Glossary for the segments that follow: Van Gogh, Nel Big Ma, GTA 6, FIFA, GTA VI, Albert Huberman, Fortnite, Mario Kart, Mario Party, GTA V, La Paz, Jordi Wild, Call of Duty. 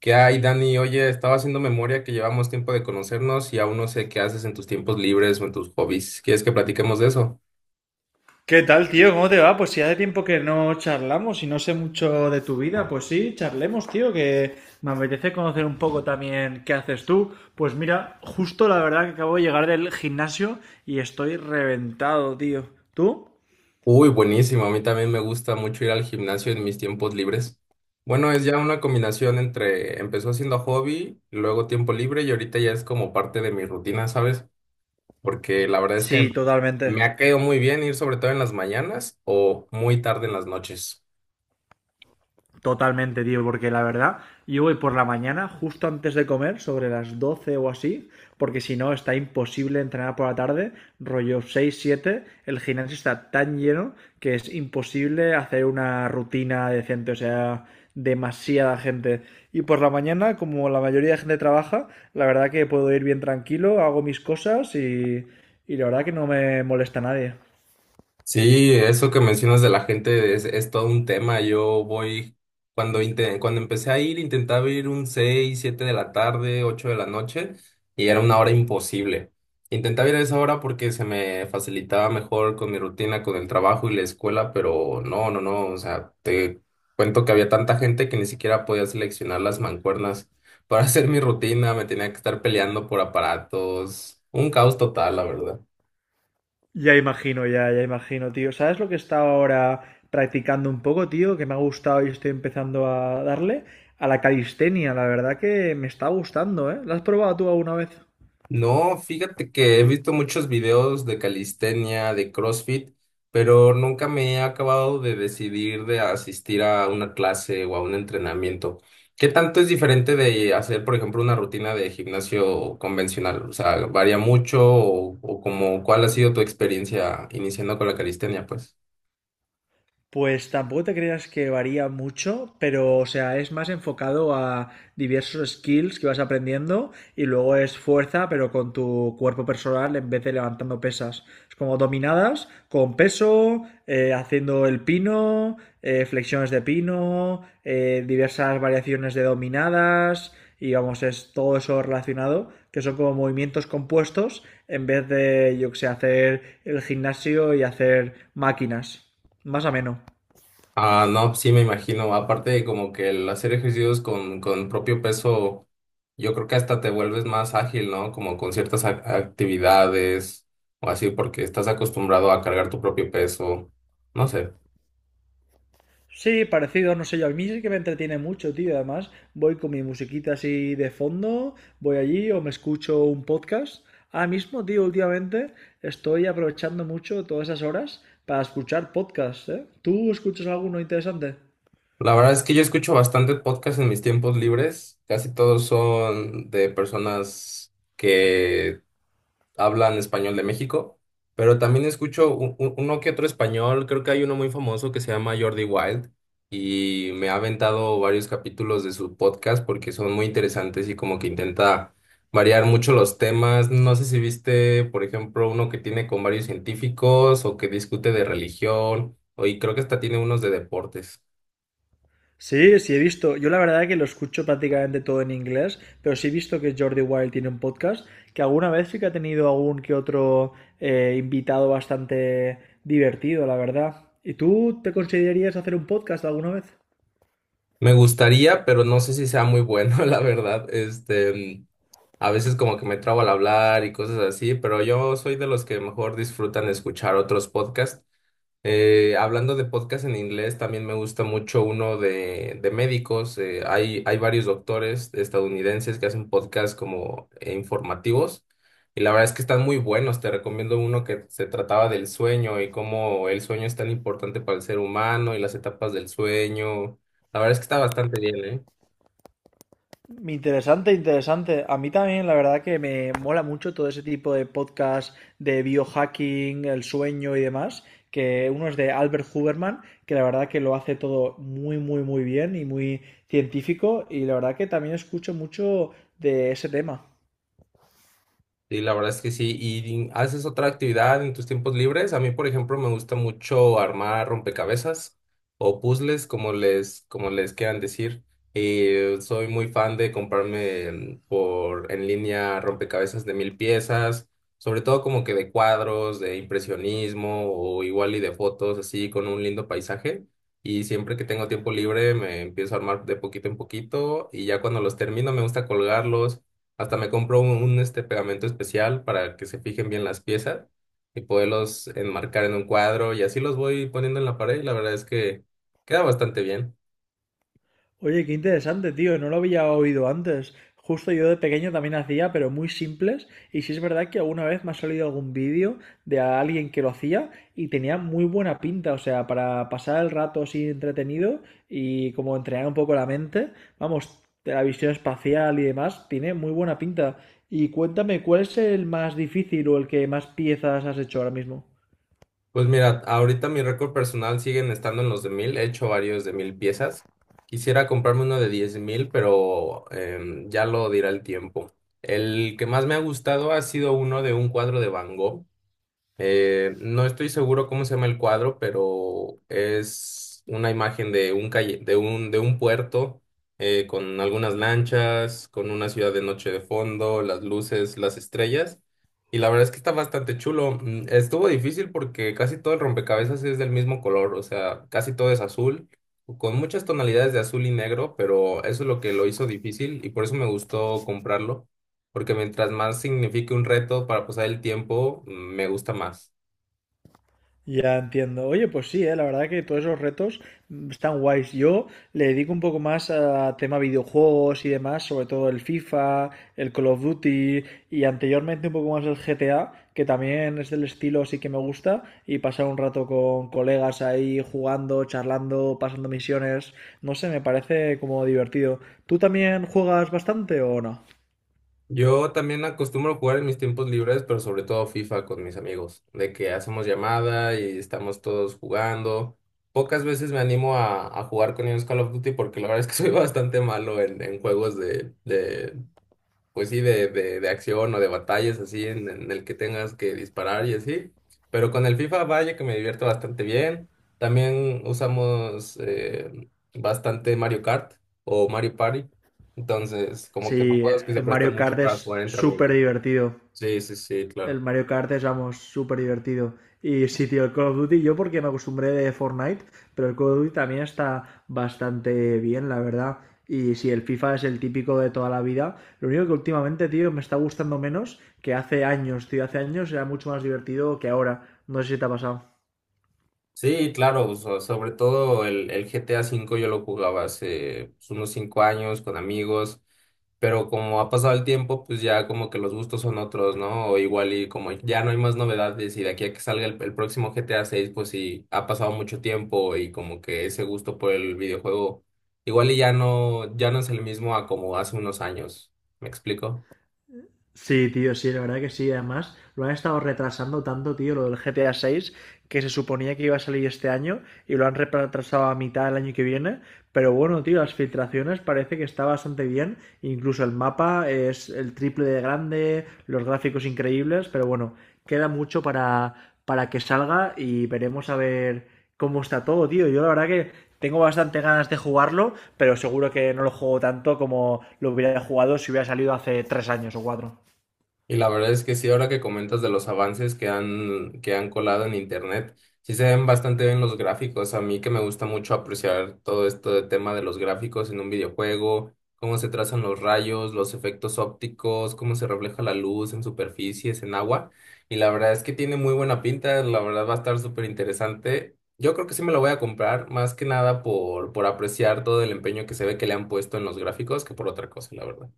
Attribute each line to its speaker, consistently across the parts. Speaker 1: ¿Qué hay, Dani? Oye, estaba haciendo memoria que llevamos tiempo de conocernos y aún no sé qué haces en tus tiempos libres o en tus hobbies. ¿Quieres que platiquemos de eso?
Speaker 2: ¿Qué tal, tío? ¿Cómo te va? Pues si hace tiempo que no charlamos y no sé mucho de tu vida, pues sí, charlemos, tío, que me apetece conocer un poco también qué haces tú. Pues mira, justo la verdad que acabo de llegar del gimnasio y estoy reventado, tío. ¿Tú?
Speaker 1: Uy, buenísimo. A mí también me gusta mucho ir al gimnasio en mis tiempos libres. Bueno, es ya una combinación entre empezó siendo hobby, luego tiempo libre y ahorita ya es como parte de mi rutina, ¿sabes? Porque la verdad es que
Speaker 2: Sí, totalmente.
Speaker 1: me ha caído muy bien ir sobre todo en las mañanas o muy tarde en las noches.
Speaker 2: Totalmente, tío, porque la verdad, yo voy por la mañana, justo antes de comer, sobre las 12 o así, porque si no está imposible entrenar por la tarde, rollo 6, 7, el gimnasio está tan lleno que es imposible hacer una rutina decente, o sea, demasiada gente. Y por la mañana, como la mayoría de gente trabaja, la verdad que puedo ir bien tranquilo, hago mis cosas y la verdad que no me molesta a nadie.
Speaker 1: Sí, eso que mencionas de la gente es todo un tema. Yo voy, cuando empecé a ir, intentaba ir un 6 7 de la tarde, 8 de la noche, y era una hora imposible. Intentaba ir a esa hora porque se me facilitaba mejor con mi rutina, con el trabajo y la escuela, pero no, no, no. O sea, te cuento que había tanta gente que ni siquiera podía seleccionar las mancuernas para hacer mi rutina, me tenía que estar peleando por aparatos. Un caos total, la verdad.
Speaker 2: Ya imagino, ya, ya imagino, tío. ¿Sabes lo que he estado ahora practicando un poco, tío? Que me ha gustado y estoy empezando a darle a la calistenia. La verdad que me está gustando, ¿eh? ¿La has probado tú alguna vez?
Speaker 1: No, fíjate que he visto muchos videos de calistenia, de CrossFit, pero nunca me he acabado de decidir de asistir a una clase o a un entrenamiento. ¿Qué tanto es diferente de hacer, por ejemplo, una rutina de gimnasio convencional? O sea, ¿varía mucho o como cuál ha sido tu experiencia iniciando con la calistenia, pues?
Speaker 2: Pues tampoco te creas que varía mucho, pero o sea, es más enfocado a diversos skills que vas aprendiendo y luego es fuerza, pero con tu cuerpo personal en vez de levantando pesas. Es como dominadas con peso, haciendo el pino, flexiones de pino, diversas variaciones de dominadas y vamos, es todo eso relacionado, que son como movimientos compuestos en vez de, yo que sé, hacer el gimnasio y hacer máquinas. Más ameno.
Speaker 1: Ah, no, sí me imagino. Aparte de como que el hacer ejercicios con propio peso, yo creo que hasta te vuelves más ágil, ¿no? Como con ciertas actividades o así, porque estás acostumbrado a cargar tu propio peso. No sé.
Speaker 2: Sí, parecido, no sé yo. A mí sí que me entretiene mucho, tío. Además, voy con mi musiquita así de fondo, voy allí o me escucho un podcast. Ahora mismo, tío, últimamente estoy aprovechando mucho todas esas horas para escuchar podcasts, ¿eh? ¿Tú escuchas alguno interesante?
Speaker 1: La verdad es que yo escucho bastante podcast en mis tiempos libres. Casi todos son de personas que hablan español de México, pero también escucho uno que otro español, creo que hay uno muy famoso que se llama Jordi Wild y me ha aventado varios capítulos de su podcast porque son muy interesantes y como que intenta variar mucho los temas. No sé si viste, por ejemplo, uno que tiene con varios científicos o que discute de religión, o y creo que hasta tiene unos de deportes.
Speaker 2: Sí, sí he visto. Yo la verdad que lo escucho prácticamente todo en inglés, pero sí he visto que Jordi Wild tiene un podcast, que alguna vez sí que ha tenido algún que otro invitado bastante divertido, la verdad. ¿Y tú te considerarías hacer un podcast alguna vez?
Speaker 1: Me gustaría, pero no sé si sea muy bueno, la verdad. A veces como que me trabo al hablar y cosas así, pero yo soy de los que mejor disfrutan escuchar otros podcasts. Hablando de podcasts en inglés, también me gusta mucho uno de médicos. Hay varios doctores estadounidenses que hacen podcasts como informativos y la verdad es que están muy buenos. Te recomiendo uno que se trataba del sueño y cómo el sueño es tan importante para el ser humano y las etapas del sueño. La verdad es que está bastante bien, ¿eh?
Speaker 2: Interesante, interesante. A mí también, la verdad que me mola mucho todo ese tipo de podcast de biohacking, el sueño y demás, que uno es de Albert Huberman, que la verdad que lo hace todo muy, muy, muy bien y muy científico, y la verdad que también escucho mucho de ese tema.
Speaker 1: Sí, la verdad es que sí. ¿Y haces otra actividad en tus tiempos libres? A mí, por ejemplo, me gusta mucho armar rompecabezas o puzzles, como les quieran decir. Soy muy fan de comprarme por en línea rompecabezas de 1000 piezas, sobre todo como que de cuadros, de impresionismo o igual y de fotos así con un lindo paisaje. Y siempre que tengo tiempo libre me empiezo a armar de poquito en poquito y ya cuando los termino me gusta colgarlos, hasta me compro un pegamento especial para que se fijen bien las piezas y poderlos enmarcar en un cuadro y así los voy poniendo en la pared y la verdad es que queda bastante bien.
Speaker 2: Oye, qué interesante, tío, no lo había oído antes. Justo yo de pequeño también hacía, pero muy simples. Y sí es verdad que alguna vez me ha salido algún vídeo de alguien que lo hacía y tenía muy buena pinta. O sea, para pasar el rato así entretenido y como entrenar un poco la mente, vamos, de la visión espacial y demás, tiene muy buena pinta. Y cuéntame, ¿cuál es el más difícil o el que más piezas has hecho ahora mismo?
Speaker 1: Pues mira, ahorita mi récord personal siguen estando en los de 1000, he hecho varios de 1000 piezas. Quisiera comprarme uno de 10.000, pero ya lo dirá el tiempo. El que más me ha gustado ha sido uno de un cuadro de Van Gogh. No estoy seguro cómo se llama el cuadro, pero es una imagen de un calle, de un puerto, con algunas lanchas, con una ciudad de noche de fondo, las luces, las estrellas. Y la verdad es que está bastante chulo. Estuvo difícil porque casi todo el rompecabezas es del mismo color, o sea, casi todo es azul, con muchas tonalidades de azul y negro, pero eso es lo que lo hizo difícil y por eso me gustó comprarlo porque mientras más signifique un reto para pasar el tiempo, me gusta más.
Speaker 2: Ya entiendo. Oye, pues sí, la verdad que todos esos retos están guays. Yo le dedico un poco más a tema videojuegos y demás, sobre todo el FIFA, el Call of Duty y anteriormente un poco más el GTA, que también es del estilo sí que me gusta y pasar un rato con colegas ahí jugando, charlando, pasando misiones, no sé, me parece como divertido. ¿Tú también juegas bastante o no?
Speaker 1: Yo también acostumbro jugar en mis tiempos libres, pero sobre todo FIFA con mis amigos, de que hacemos llamada y estamos todos jugando. Pocas veces me animo a jugar con ellos Call of Duty porque la verdad es que soy bastante malo en juegos de pues sí, de acción o de batallas así en el que tengas que disparar y así. Pero con el FIFA, vaya que me divierto bastante bien. También usamos bastante Mario Kart o Mario Party. Entonces, como que son
Speaker 2: Sí,
Speaker 1: juegos que se
Speaker 2: el
Speaker 1: prestan
Speaker 2: Mario
Speaker 1: mucho
Speaker 2: Kart
Speaker 1: para jugar
Speaker 2: es
Speaker 1: entre
Speaker 2: súper
Speaker 1: amigos.
Speaker 2: divertido.
Speaker 1: Sí, sí, sí,
Speaker 2: El
Speaker 1: claro.
Speaker 2: Mario Kart es, vamos, súper divertido. Y sí, tío, el Call of Duty, yo porque me acostumbré de Fortnite, pero el Call of Duty también está bastante bien, la verdad. Y sí, el FIFA es el típico de toda la vida. Lo único que últimamente, tío, me está gustando menos que hace años, tío. Hace años era mucho más divertido que ahora. No sé si te ha pasado.
Speaker 1: Sí, claro, sobre todo el GTA V yo lo jugaba hace pues, unos 5 años con amigos, pero como ha pasado el tiempo, pues ya como que los gustos son otros, ¿no? O igual y como ya no hay más novedades y de aquí a que salga el próximo GTA VI, pues sí, ha pasado mucho tiempo y como que ese gusto por el videojuego igual y ya no es el mismo a como hace unos años. ¿Me explico?
Speaker 2: Sí, tío, sí, la verdad que sí. Además, lo han estado retrasando tanto, tío, lo del GTA 6, que se suponía que iba a salir este año y lo han retrasado a mitad del año que viene. Pero bueno, tío, las filtraciones parece que está bastante bien. Incluso el mapa es el triple de grande, los gráficos increíbles, pero bueno, queda mucho para que salga y veremos a ver cómo está todo, tío. Yo la verdad que tengo bastante ganas de jugarlo, pero seguro que no lo juego tanto como lo hubiera jugado si hubiera salido hace tres años o cuatro.
Speaker 1: Y la verdad es que sí, ahora que comentas de los avances que han colado en internet, sí se ven bastante bien los gráficos. A mí que me gusta mucho apreciar todo esto de tema de los gráficos en un videojuego, cómo se trazan los rayos, los efectos ópticos, cómo se refleja la luz en superficies, en agua. Y la verdad es que tiene muy buena pinta, la verdad va a estar súper interesante. Yo creo que sí me lo voy a comprar, más que nada por apreciar todo el empeño que se ve que le han puesto en los gráficos que por otra cosa, la verdad.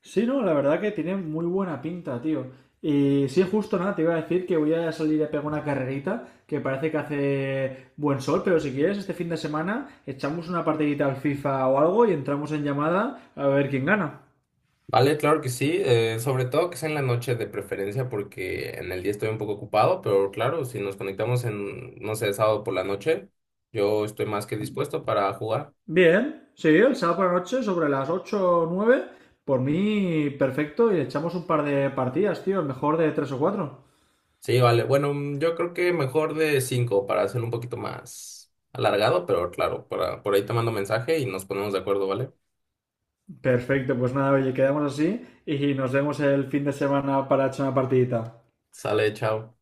Speaker 2: Sí, no, la verdad que tiene muy buena pinta, tío. Y sí, justo nada, te iba a decir que voy a salir a pegar una carrerita, que parece que hace buen sol, pero si quieres, este fin de semana echamos una partidita al FIFA o algo y entramos en llamada a ver quién gana.
Speaker 1: Vale, claro que sí, sobre todo que sea en la noche de preferencia porque en el día estoy un poco ocupado, pero claro, si nos conectamos en, no sé, sábado por la noche, yo estoy más que dispuesto para jugar.
Speaker 2: Bien, sí, el sábado por la noche, sobre las 8 o 9, por mí perfecto, y le echamos un par de partidas, tío, el mejor de 3 o cuatro.
Speaker 1: Sí, vale, bueno, yo creo que mejor de 5 para hacer un poquito más alargado, pero claro, por ahí te mando mensaje y nos ponemos de acuerdo, ¿vale?
Speaker 2: Perfecto, pues nada, oye, quedamos así y nos vemos el fin de semana para echar una partidita.
Speaker 1: Sale, chao.